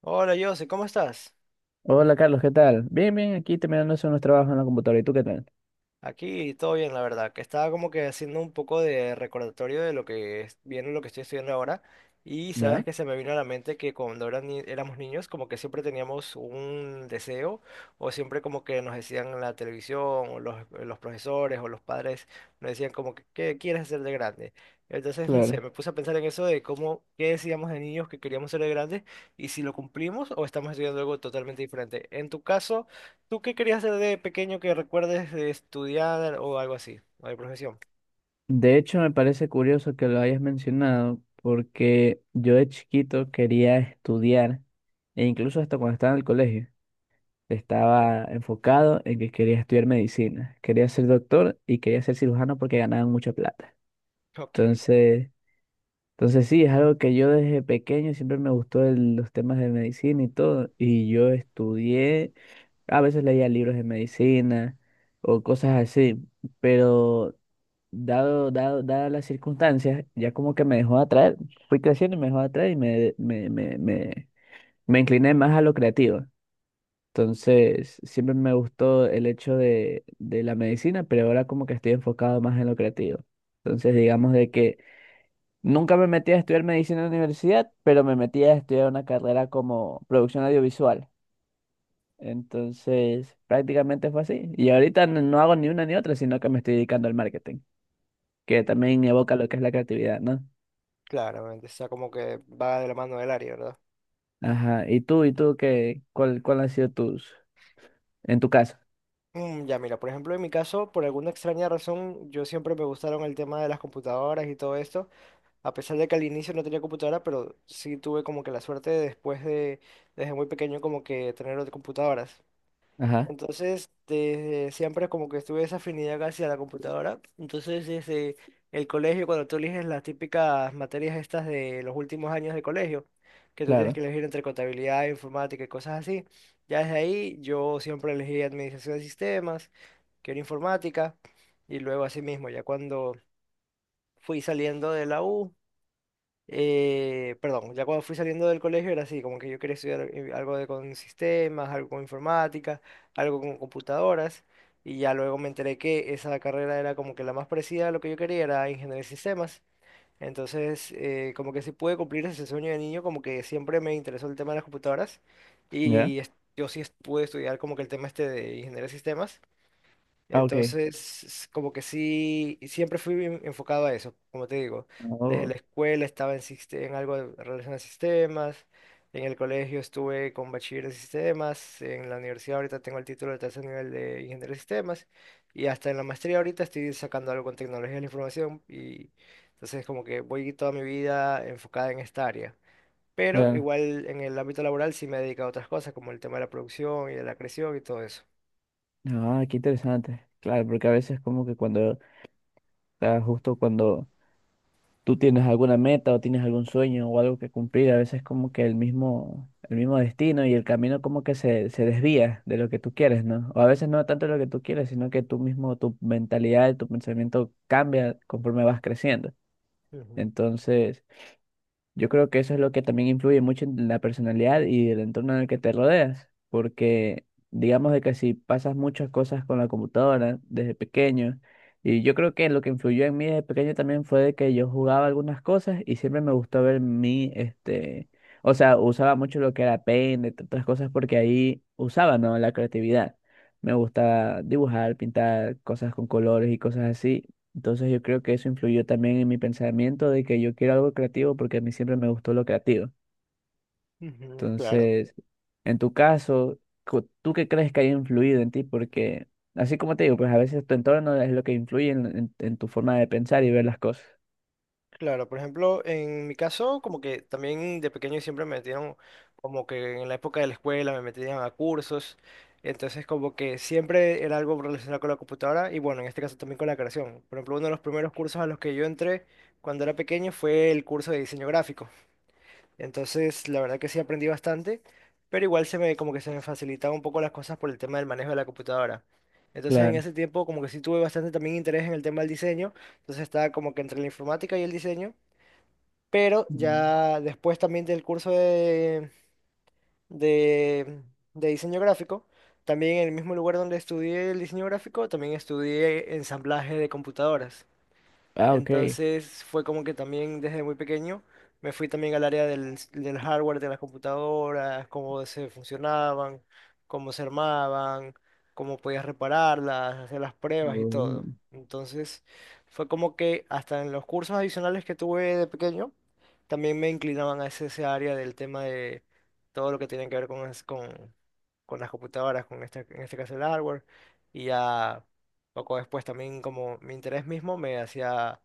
Hola José, ¿cómo estás? Hola Carlos, ¿qué tal? Bien, bien, aquí terminando de hacer unos trabajos en la computadora. ¿Y tú qué tal? Aquí todo bien, la verdad, que estaba como que haciendo un poco de recordatorio de lo viene lo que estoy estudiando ahora, y sabes ¿Ya? que se me vino a la mente que cuando eran ni- éramos niños como que siempre teníamos un deseo, o siempre como que nos decían en la televisión o los profesores o los padres nos decían como que ¿qué quieres hacer de grande? Entonces, no sé, Claro. me puse a pensar en eso de cómo, qué decíamos de niños que queríamos ser de grandes, y si lo cumplimos o estamos estudiando algo totalmente diferente. En tu caso... ¿Tú qué querías hacer de pequeño que recuerdes, de estudiar o algo así? ¿O de profesión? De hecho, me parece curioso que lo hayas mencionado porque yo de chiquito quería estudiar e incluso hasta cuando estaba en el colegio Ya, estaba enfocado en que quería estudiar medicina. Quería ser doctor y quería ser cirujano porque ganaban mucha plata. ok. Entonces, entonces, sí, es algo que yo desde pequeño siempre me gustó los temas de medicina y todo. Y yo estudié. A veces leía libros de medicina o cosas así, pero dadas las circunstancias, ya como que me dejó de atraer, fui creciendo y me dejó de atraer y me incliné más a lo creativo. Entonces, siempre me gustó el hecho de la medicina, pero ahora como que estoy enfocado más en lo creativo. Entonces, digamos de que nunca me metí a estudiar medicina en la universidad, pero me metí a estudiar una carrera como producción audiovisual. Entonces, prácticamente fue así. Y ahorita no hago ni una ni otra, sino que me estoy dedicando al marketing, que también Ujú. evoca lo que es la creatividad, ¿no? Claramente, o sea, como que va de la mano del área, ¿verdad? Ajá. ¿Y tú qué, cuál han sido tus, en tu caso? Ya, mira, por ejemplo, en mi caso, por alguna extraña razón, yo siempre me gustaron el tema de las computadoras y todo esto, a pesar de que al inicio no tenía computadora, pero sí tuve como que la suerte de después de, desde muy pequeño, como que tener otras computadoras. Ajá, Entonces, desde siempre como que tuve esa afinidad hacia la computadora. Entonces, desde el colegio, cuando tú eliges las típicas materias estas de los últimos años de colegio, que tú tienes que claro. elegir entre contabilidad, informática y cosas así, ya desde ahí yo siempre elegí administración de sistemas, que era informática, y luego así mismo, ya cuando fui saliendo de la U. Perdón, ya cuando fui saliendo del colegio era así, como que yo quería estudiar, algo de, con sistemas, algo con informática, algo con computadoras, y ya luego me enteré que esa carrera era como que la más parecida a lo que yo quería, era ingeniería de sistemas. Entonces, como que sí pude cumplir ese sueño de niño, como que siempre me interesó el tema de las computadoras, ¿Ya? y pude estudiar como que el tema este de ingeniería de sistemas. Ah, ok. Entonces, como que sí, siempre fui bien enfocado a eso, como te digo. Desde la Oh, escuela estaba en, en algo relacionado a sistemas, en el colegio estuve con bachiller de sistemas, en la universidad ahorita tengo el título de tercer nivel de ingeniero de sistemas, y hasta en la maestría ahorita estoy sacando algo con tecnología de la información, y entonces como que voy toda mi vida enfocada en esta área. Pero claro. igual en el ámbito laboral sí me he dedicado a otras cosas, como el tema de la producción y de la creación y todo eso. Ah, qué interesante. Claro, porque a veces como que cuando, ah, justo cuando, ¿tú tienes alguna meta o tienes algún sueño o algo que cumplir? A veces como que el mismo destino y el camino como que se desvía de lo que tú quieres, ¿no? O a veces no tanto lo que tú quieres, sino que tú mismo, tu mentalidad, tu pensamiento cambia conforme vas creciendo. Ujú, Entonces, yo creo que eso es lo que también influye mucho en la personalidad y el entorno en el que te rodeas, porque digamos de que si pasas muchas cosas con la computadora desde pequeño, y yo creo que lo que influyó en mí desde pequeño también fue de que yo jugaba algunas cosas y siempre me gustó ver mi, este, o sea, usaba mucho lo que era Paint, entre otras cosas, porque ahí usaba, ¿no? La creatividad. Me gustaba dibujar, pintar cosas con colores y cosas así. Entonces yo creo que eso influyó también en mi pensamiento de que yo quiero algo creativo porque a mí siempre me gustó lo creativo. ujú, claro. Entonces, en tu caso, ¿tú qué crees que haya influido en ti? Porque, así como te digo, pues a veces tu entorno es lo que influye en tu forma de pensar y ver las cosas. Claro, por ejemplo, en mi caso, como que también de pequeño siempre me metieron, como que en la época de la escuela me metían a cursos, entonces como que siempre era algo relacionado con la computadora y bueno, en este caso también con la creación. Por ejemplo, uno de los primeros cursos a los que yo entré cuando era pequeño fue el curso de diseño gráfico, entonces la verdad que sí aprendí bastante, pero igual se me, como que se me facilitaban un poco las cosas por el tema del manejo de la computadora. Entonces en Claro. ese tiempo como que sí tuve bastante también interés en el tema del diseño, entonces estaba como que entre la informática y el diseño. Pero Mm. ya después también del curso de, de, de diseño gráfico, también en el mismo lugar donde estudié el diseño gráfico, también estudié ensamblaje de computadoras. Ah, ok. Entonces fue como que también desde muy pequeño me fui también al área del, del hardware de las computadoras, cómo se funcionaban, cómo se armaban, cómo podías repararlas, hacer las pruebas y todo. Entonces fue como que hasta en los cursos adicionales que tuve de pequeño, también me inclinaban a ese, ese área del tema de todo lo que tiene que ver con, con las computadoras, con este, en este caso el hardware, y ya. Poco después también como mi interés mismo me hacía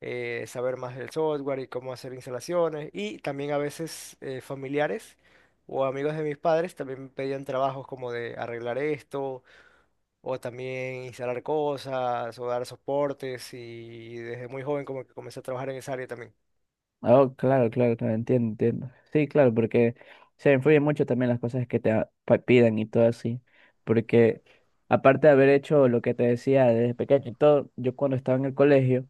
saber más del software y cómo hacer instalaciones y también a veces familiares o amigos de mis padres también me pedían trabajos como de arreglar esto o también instalar cosas o dar soportes y desde muy joven como que comencé a trabajar en esa área también. Oh, claro, claro, claro, entiendo, entiendo. Sí, claro, porque se influyen mucho también las cosas que te pidan y todo así. Porque aparte de haber hecho lo que te decía desde pequeño y todo, yo cuando estaba en el colegio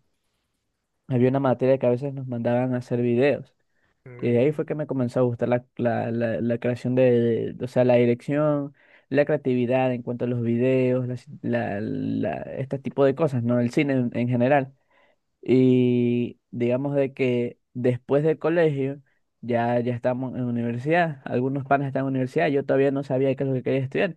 había una materia que a veces nos mandaban a hacer videos. Y de ahí fue Mm. que me comenzó a gustar la creación de, o sea, la dirección, la creatividad en cuanto a los videos, este tipo de cosas, ¿no? El cine en general. Y digamos de que después del colegio ya, ya estamos en universidad. Algunos panas están en universidad, yo todavía no sabía qué es lo que quería estudiar.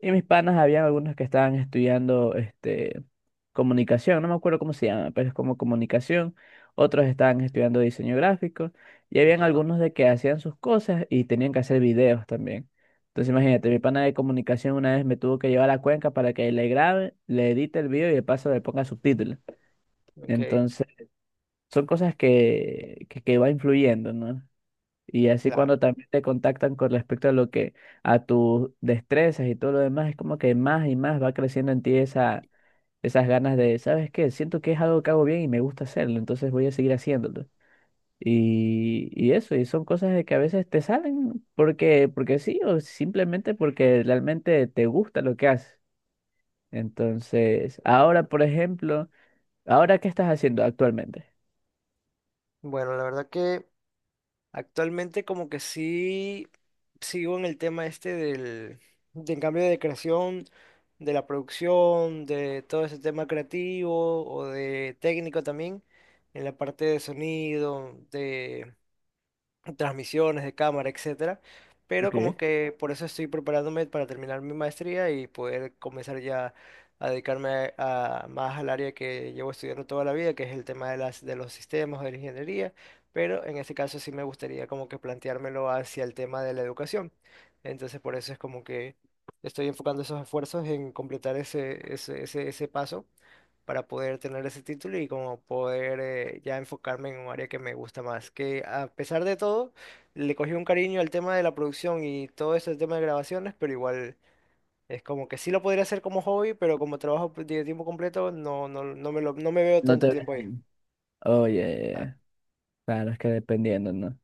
Y mis panas, había algunos que estaban estudiando este, comunicación, no me acuerdo cómo se llama, pero es como comunicación. Otros estaban estudiando diseño gráfico. Y habían Ya. algunos de que hacían sus cosas y tenían que hacer videos también. Entonces Ujú, imagínate, mi pana de comunicación una vez me tuvo que llevar a Cuenca para que le grabe, le edite el video y de paso le ponga subtítulos. ok, Son cosas que, que va influyendo, ¿no? Y así claro. cuando también te contactan con respecto a lo que, a tus destrezas y todo lo demás, es como que más y más va creciendo en ti esa, esas ganas de, ¿sabes qué? Siento que es algo que hago bien y me gusta hacerlo, entonces voy a seguir haciéndolo. Y eso, y son cosas de que a veces te salen porque sí, o simplemente porque realmente te gusta lo que haces. Entonces, ahora, por ejemplo, ¿ahora qué estás haciendo actualmente? Bueno, la verdad que actualmente como que sí sigo en el tema este del, del cambio de creación, de la producción, de todo ese tema creativo o de técnico también, en la parte de sonido, transmisiones de cámara, etcétera. Pero como Ok. que por eso estoy preparándome para terminar mi maestría y poder comenzar ya a dedicarme a- más al área que llevo estudiando toda la vida, que es el tema de las de los sistemas, de la ingeniería, pero en este caso sí me gustaría como que planteármelo hacia el tema de la educación. Entonces por eso es como que estoy enfocando esos esfuerzos en completar ese paso para poder tener ese título y como poder, ya enfocarme en un área que me gusta más. Que a pesar de todo, le cogí un cariño al tema de la producción y todo ese tema de grabaciones, pero igual es como que sí lo podría hacer como hobby, pero como trabajo pues, de tiempo completo, no, no, no me veo No tanto te ves. tiempo ahí. Ah. Oye, claro, es que dependiendo, ¿no?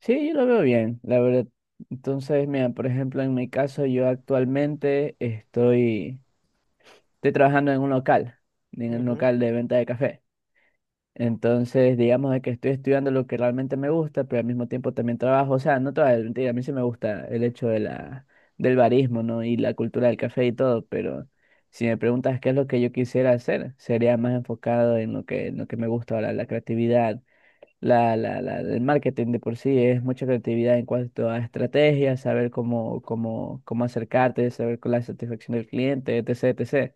Sí, yo lo veo bien, la verdad. Entonces, mira, por ejemplo, en mi caso, yo actualmente estoy trabajando en un Ujú. local de venta de café. Entonces, digamos de que estoy estudiando lo que realmente me gusta, pero al mismo tiempo también trabajo. O sea, no toda la mentira, a mí sí me gusta el hecho de la, del barismo, ¿no? Y la cultura del café y todo, pero si me preguntas qué es lo que yo quisiera hacer, sería más enfocado en lo que, me gusta ahora, la creatividad. El marketing de por sí es mucha creatividad en cuanto a estrategias, saber cómo acercarte, saber con la satisfacción del cliente, etc., etc.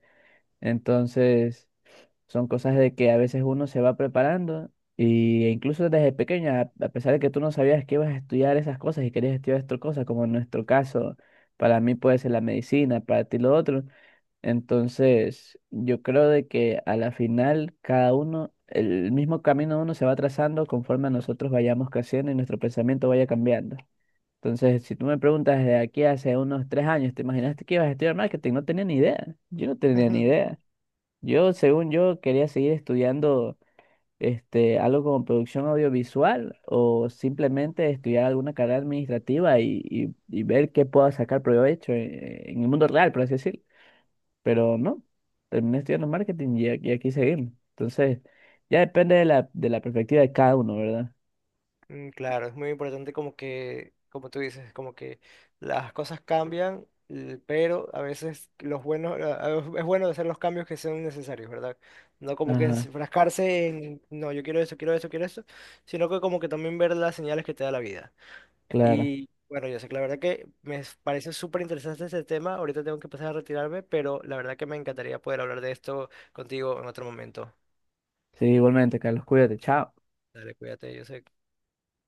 Entonces, son cosas de que a veces uno se va preparando e incluso desde pequeña, a pesar de que tú no sabías que ibas a estudiar esas cosas y querías estudiar otras cosas, como en nuestro caso, para mí puede ser la medicina, para ti lo otro. Entonces, yo creo de que a la final cada uno, el mismo camino uno se va trazando conforme a nosotros vayamos creciendo y nuestro pensamiento vaya cambiando. Entonces, si tú me preguntas desde aquí hace unos 3 años, ¿te imaginaste que ibas a estudiar marketing? No tenía ni idea. Yo no tenía ni idea. Yo, según yo, quería seguir estudiando este, algo como producción audiovisual o simplemente estudiar alguna carrera administrativa y ver qué puedo sacar provecho en el mundo real, por así decirlo. Pero no, terminé estudiando marketing y aquí seguimos. Entonces, ya depende de la perspectiva de cada uno, ¿verdad? Claro, es muy importante como que, como tú dices, como que las cosas cambian, pero a veces los buenos, a- es bueno hacer los cambios que sean necesarios, ¿verdad? No como que Ajá, enfrascarse en, no, yo quiero esto, quiero esto, quiero esto, sino que como que también ver las señales que te da la vida. claro. Y bueno, yo sé que la verdad que me parece súper interesante este tema, ahorita tengo que empezar a retirarme, pero la verdad que me encantaría poder hablar de esto contigo en otro momento. Sí, igualmente, Carlos, cuídate, chao. Dale, cuídate, yo sé.